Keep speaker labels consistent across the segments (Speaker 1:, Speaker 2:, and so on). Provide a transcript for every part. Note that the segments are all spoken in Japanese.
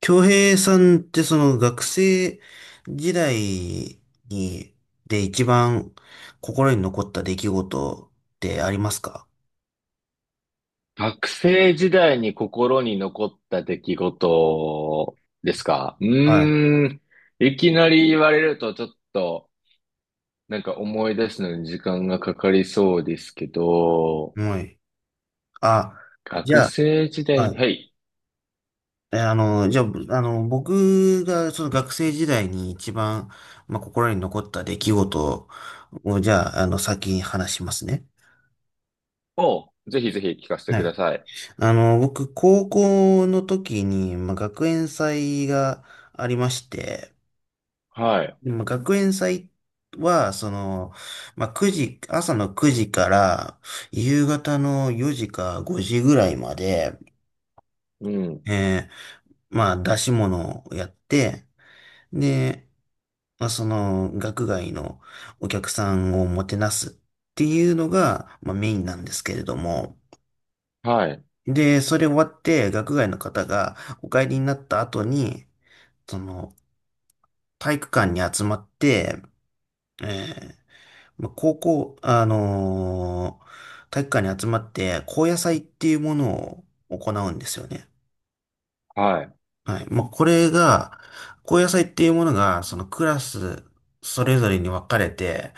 Speaker 1: 京平さんってその学生時代に、で一番心に残った出来事ってありますか？
Speaker 2: 学生時代に心に残った出来事ですか
Speaker 1: は
Speaker 2: いきなり言われるとちょっと、思い出すのに時間がかかりそうですけど、
Speaker 1: い。はい。あ、じ
Speaker 2: 学
Speaker 1: ゃ
Speaker 2: 生時
Speaker 1: あ、
Speaker 2: 代
Speaker 1: は
Speaker 2: に、
Speaker 1: い。
Speaker 2: はい。
Speaker 1: えあの、じゃあ、僕がその学生時代に一番、まあ、心に残った出来事を、じゃあ、先に話しますね。
Speaker 2: をぜひぜひ聞かせて
Speaker 1: は
Speaker 2: くだ
Speaker 1: い。
Speaker 2: さい。
Speaker 1: 僕、高校の時に、まあ、学園祭がありまして、
Speaker 2: はい。
Speaker 1: でも学園祭は、まあ、9時、朝の9時から夕方の4時か5時ぐらいまで、
Speaker 2: うん。
Speaker 1: えーまあ、出し物をやって、で、まあ、学外のお客さんをもてなすっていうのが、まあ、メインなんですけれども、
Speaker 2: はい。
Speaker 1: で、それ終わって、学外の方がお帰りになった後に、その、体育館に集まって、えーまあ、高校、体育館に集まって、高野祭っていうものを行うんですよね。
Speaker 2: はい。
Speaker 1: はい。まあ、これが、高野祭っていうものが、そのクラス、それぞれに分かれて、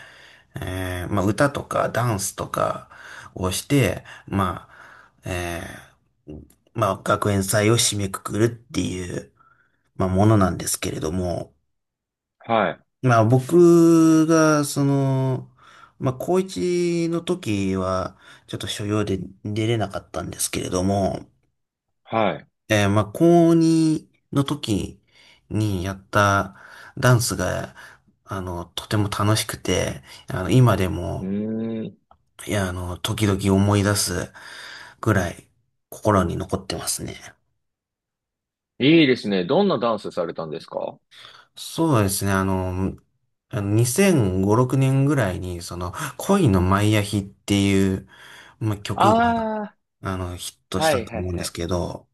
Speaker 1: まあ、歌とかダンスとかをして、まあ、ー、まあ、学園祭を締めくくるっていう、まあ、ものなんですけれども、
Speaker 2: はい。
Speaker 1: まあ僕が、まあ高一の時は、ちょっと所用で出れなかったんですけれども、
Speaker 2: はい。
Speaker 1: まあ高二の時にやったダンスが、とても楽しくて、今で
Speaker 2: う
Speaker 1: も、
Speaker 2: ーん。
Speaker 1: いや、時々思い出すぐらい心に残ってますね。
Speaker 2: いいですね。どんなダンスされたんですか？
Speaker 1: そうですね。あの2005、6年ぐらいに、恋のマイアヒっていう、まあ、曲が、
Speaker 2: ああ
Speaker 1: ヒット
Speaker 2: ー、
Speaker 1: し
Speaker 2: は
Speaker 1: た
Speaker 2: い、
Speaker 1: と
Speaker 2: はい、
Speaker 1: 思うんで
Speaker 2: は
Speaker 1: す
Speaker 2: い。
Speaker 1: けど、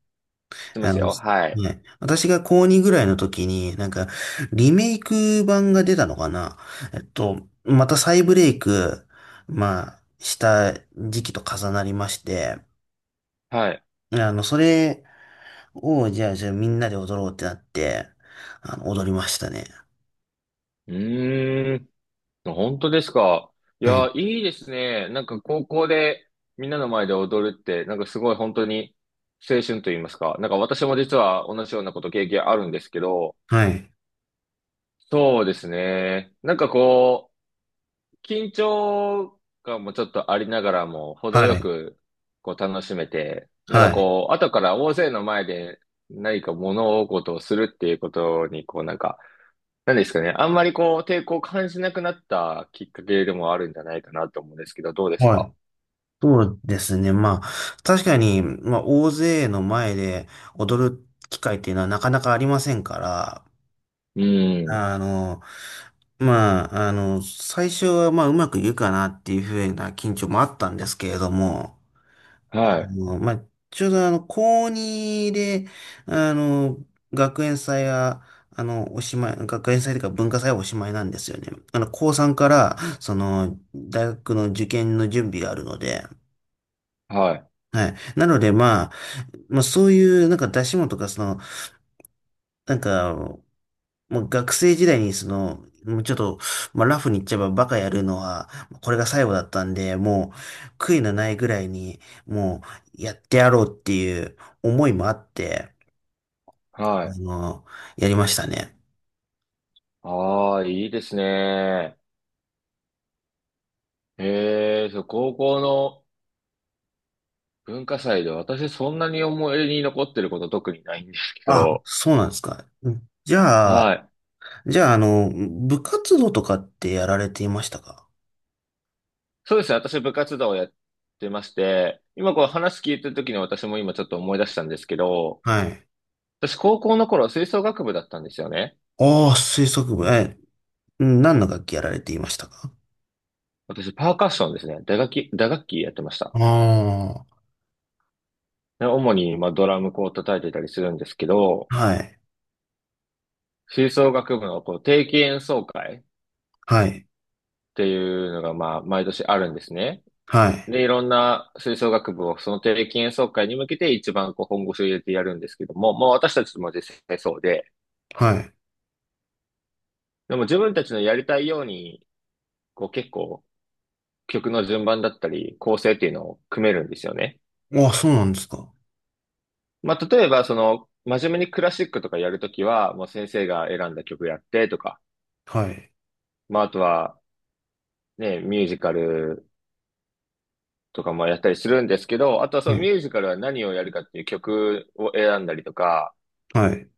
Speaker 2: 知ってま
Speaker 1: あ
Speaker 2: す
Speaker 1: の、
Speaker 2: よ。はい。
Speaker 1: ね、私が高2ぐらいの時に、なんか、リメイク版が出たのかな。また再ブレイク、まあ、した時期と重なりまして、
Speaker 2: はい。
Speaker 1: それを、じゃあみんなで踊ろうってなって、踊りましたね。
Speaker 2: うーん。本当ですか。い
Speaker 1: は
Speaker 2: や、
Speaker 1: い。
Speaker 2: いいですね。なんか高校でみんなの前で踊るって、なんかすごい本当に青春と言いますか。なんか私も実は同じようなこと経験あるんですけど、
Speaker 1: はい。
Speaker 2: そうですね。こう、緊張感もちょっとありながらも、程
Speaker 1: は
Speaker 2: よ
Speaker 1: い。
Speaker 2: くこう楽しめて、
Speaker 1: はい。
Speaker 2: こう、後から大勢の前で何か物事をするっていうことに、なんですかね。あんまりこう、抵抗を感じなくなったきっかけでもあるんじゃないかなと思うんですけど、どうです
Speaker 1: は
Speaker 2: か？
Speaker 1: い。そうですね。まあ、確かに、まあ、大勢の前で踊る機会っていうのはなかなかありませんから、
Speaker 2: うん。
Speaker 1: あの、まあ、最初は、まあ、うまくいくかなっていうふうな緊張もあったんですけれども、
Speaker 2: はい。
Speaker 1: もうまあ、ちょうど高2で、あの、学園祭は、おしまい、学園祭というか文化祭はおしまいなんですよね。高3から、大学の受験の準備があるので、
Speaker 2: はい。
Speaker 1: はい。なので、まあ、そういう、なんか出し物とか、なんか、もう学生時代にもうちょっと、まあ、ラフに言っちゃえばバカやるのは、これが最後だったんで、もう悔いのないぐらいに、もうやってやろうっていう思いもあって、
Speaker 2: は
Speaker 1: あ
Speaker 2: い。
Speaker 1: の、やりましたね。
Speaker 2: ああ、いいですね。ええ、そう、高校の文化祭で私そんなに思い出に残ってること特にないんですけ
Speaker 1: あ、
Speaker 2: ど、
Speaker 1: そうなんですか。じゃ
Speaker 2: は
Speaker 1: あ、
Speaker 2: い。
Speaker 1: じゃあ、部活動とかってやられていましたか？
Speaker 2: そうですね。私部活動をやってまして、今こう話聞いてる時に私も今ちょっと思い出したんですけど、
Speaker 1: はい。
Speaker 2: 私高校の頃吹奏楽部だったんですよね。
Speaker 1: ああ、吹奏部、うん何の楽器やられていましたか？
Speaker 2: 私パーカッションですね。打楽器、打楽器やってました。
Speaker 1: ああ
Speaker 2: で主に、まあ、ドラムこう叩いてたりするんですけど、
Speaker 1: ー、はい、
Speaker 2: 吹奏楽部のこう定期演奏会っ
Speaker 1: はい、
Speaker 2: ていうのが、まあ、毎年あるんですね。
Speaker 1: はい、
Speaker 2: で、いろんな吹奏楽部をその定期演奏会に向けて一番こう本腰を入れてやるんですけども、まあ私たちも実際そうで、
Speaker 1: は
Speaker 2: でも自分たちのやりたいように、こう結構曲の順番だったり構成っていうのを組めるんですよね。
Speaker 1: い。ああ、そうなんですか。
Speaker 2: まあ例えばその真面目にクラシックとかやるときは、もう先生が選んだ曲やってとか、
Speaker 1: はい。
Speaker 2: まああとはね、ミュージカルとかもやったりするんですけど、あとはそ
Speaker 1: う
Speaker 2: のミ
Speaker 1: ん。
Speaker 2: ュージカルは何をやるかっていう曲を選んだりとか、
Speaker 1: はい。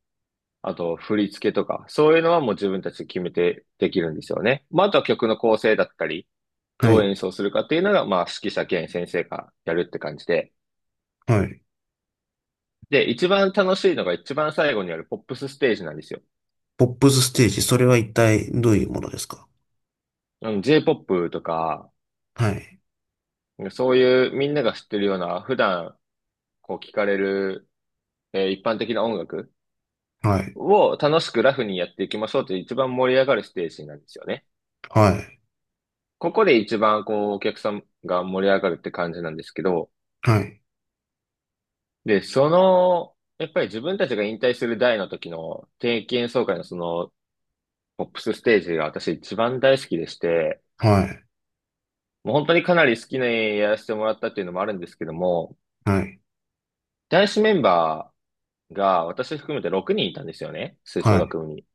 Speaker 2: あと振り付けとか、そういうのはもう自分たちで決めてできるんですよね。まあ、あとは曲の構成だったり、
Speaker 1: は
Speaker 2: どう
Speaker 1: い。
Speaker 2: 演奏するかっていうのが、まあ、指揮者兼先生がやるって感じで。
Speaker 1: はい。
Speaker 2: で、一番楽しいのが一番最後にあるポップスステージなんですよ。
Speaker 1: ポップスステージ、それは一体どういうものですか？
Speaker 2: あの Jポップとか、
Speaker 1: はい。
Speaker 2: そういうみんなが知ってるような、普段こう聞かれる、一般的な音楽
Speaker 1: はい。
Speaker 2: を楽しくラフにやっていきましょうという一番盛り上がるステージなんですよね。
Speaker 1: はい。
Speaker 2: ここで一番こうお客さんが盛り上がるって感じなんですけど、
Speaker 1: はい。
Speaker 2: で、その、やっぱり自分たちが引退する代の時の定期演奏会のそのポップスステージが私一番大好きでして、
Speaker 1: はい。
Speaker 2: もう本当にかなり好きなやらせてもらったっていうのもあるんですけども、
Speaker 1: はい。
Speaker 2: 男子メンバーが私含めて6人いたんですよね、吹奏
Speaker 1: は
Speaker 2: 楽
Speaker 1: い。
Speaker 2: 部に。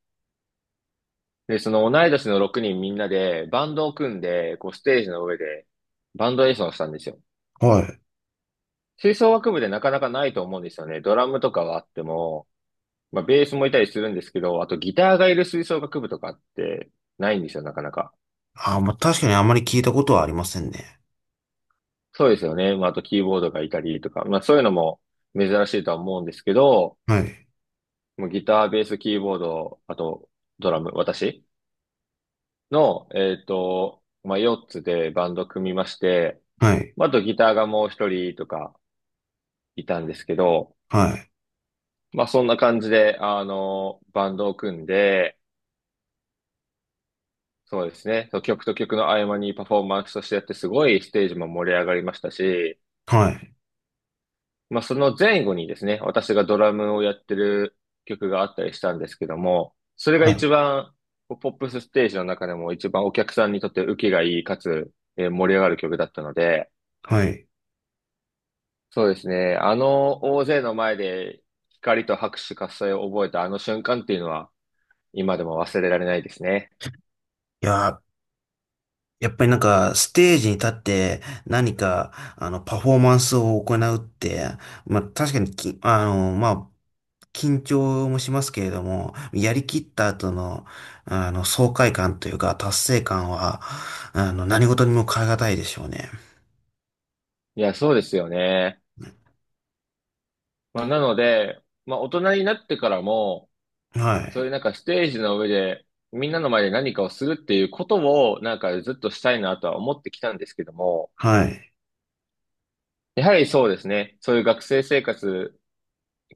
Speaker 2: で、その同い年の6人みんなでバンドを組んで、こうステージの上でバンド演奏をしたんですよ。
Speaker 1: はい。
Speaker 2: 吹奏楽部でなかなかないと思うんですよね。ドラムとかはあっても、まあベースもいたりするんですけど、あとギターがいる吹奏楽部とかってないんですよ、なかなか。
Speaker 1: ああ、まあ、確かにあまり聞いたことはありませんね。
Speaker 2: そうですよね。まああとキーボードがいたりとか、まあそういうのも珍しいとは思うんですけど、
Speaker 1: はい。
Speaker 2: もうギター、ベース、キーボード、あとドラム、私の、まあ4つでバンド組みまして、
Speaker 1: はい。
Speaker 2: まああとギターがもう1人とか、いたんですけど、
Speaker 1: はい。
Speaker 2: まあそんな感じで、あの、バンドを組んで、そうですね、そう曲と曲の合間にパフォーマンスとしてやって、すごいステージも盛り上がりましたし、
Speaker 1: はい。
Speaker 2: まあその前後にですね、私がドラムをやってる曲があったりしたんですけども、それが
Speaker 1: は
Speaker 2: 一
Speaker 1: い。
Speaker 2: 番、こうポップスステージの中でも一番お客さんにとって受けがいい、かつ、盛り上がる曲だったので、
Speaker 1: はい。
Speaker 2: そうですね、あの大勢の前で光と拍手喝采を覚えたあの瞬間っていうのは、今でも忘れられないですね。
Speaker 1: いやー、やっぱりなんか、ステージに立って何か、パフォーマンスを行うって、まあ、確かにき、あの、まあ、緊張もしますけれども、やりきった後の、爽快感というか、達成感は、何事にも代え難いでしょうね。
Speaker 2: いや、そうですよね。まあ、なので、まあ、大人になってからも、
Speaker 1: は
Speaker 2: そういう
Speaker 1: い。
Speaker 2: なんかステージの上で、みんなの前で何かをするっていうことを、なんかずっとしたいなとは思ってきたんですけども、
Speaker 1: はい。
Speaker 2: やはりそうですね。そういう学生生活、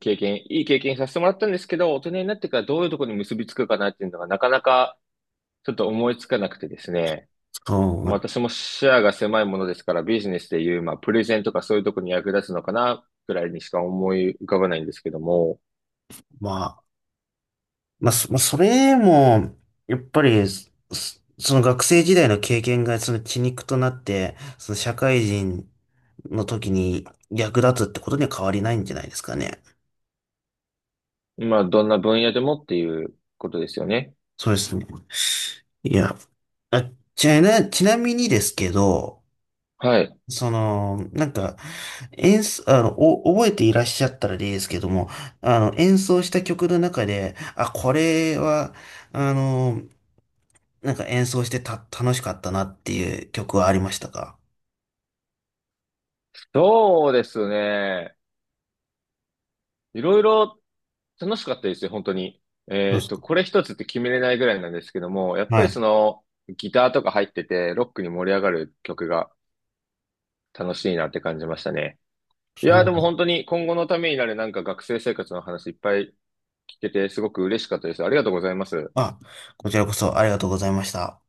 Speaker 2: 経験、いい経験させてもらったんですけど、大人になってからどういうところに結びつくかなっていうのがなかなかちょっと思いつかなくてですね。
Speaker 1: そ
Speaker 2: まあ、
Speaker 1: う、
Speaker 2: 私も視野が狭いものですから、ビジネスでいう、まあ、プレゼンとかそういうところに役立つのかな、ぐらいにしか思い浮かばないんですけども、
Speaker 1: まあ、まあ、まあそれも、やっぱり、その学生時代の経験がその血肉となって、その社会人の時に役立つってことには変わりないんじゃないですかね。
Speaker 2: まあ、どんな分野でもっていうことですよね。
Speaker 1: そうですね。いや、あ、ちなみにですけど、
Speaker 2: はい。
Speaker 1: なんか、演奏、覚えていらっしゃったらですけども、演奏した曲の中で、あ、これは、あの、なんか演奏してた、楽しかったなっていう曲はありましたか？
Speaker 2: そうですね。いろいろ楽しかったですよ、本当に。
Speaker 1: そうですか。
Speaker 2: これ一つって決めれないぐらいなんですけども、やっぱ
Speaker 1: は
Speaker 2: りそ
Speaker 1: い。
Speaker 2: の、ギターとか入ってて、ロックに盛り上がる曲が楽しいなって感じましたね。いやーで
Speaker 1: そ
Speaker 2: も
Speaker 1: う。
Speaker 2: 本当に今後のためになるなんか学生生活の話いっぱい聞けてすごく嬉しかったです。ありがとうございます。
Speaker 1: あ、こちらこそありがとうございました。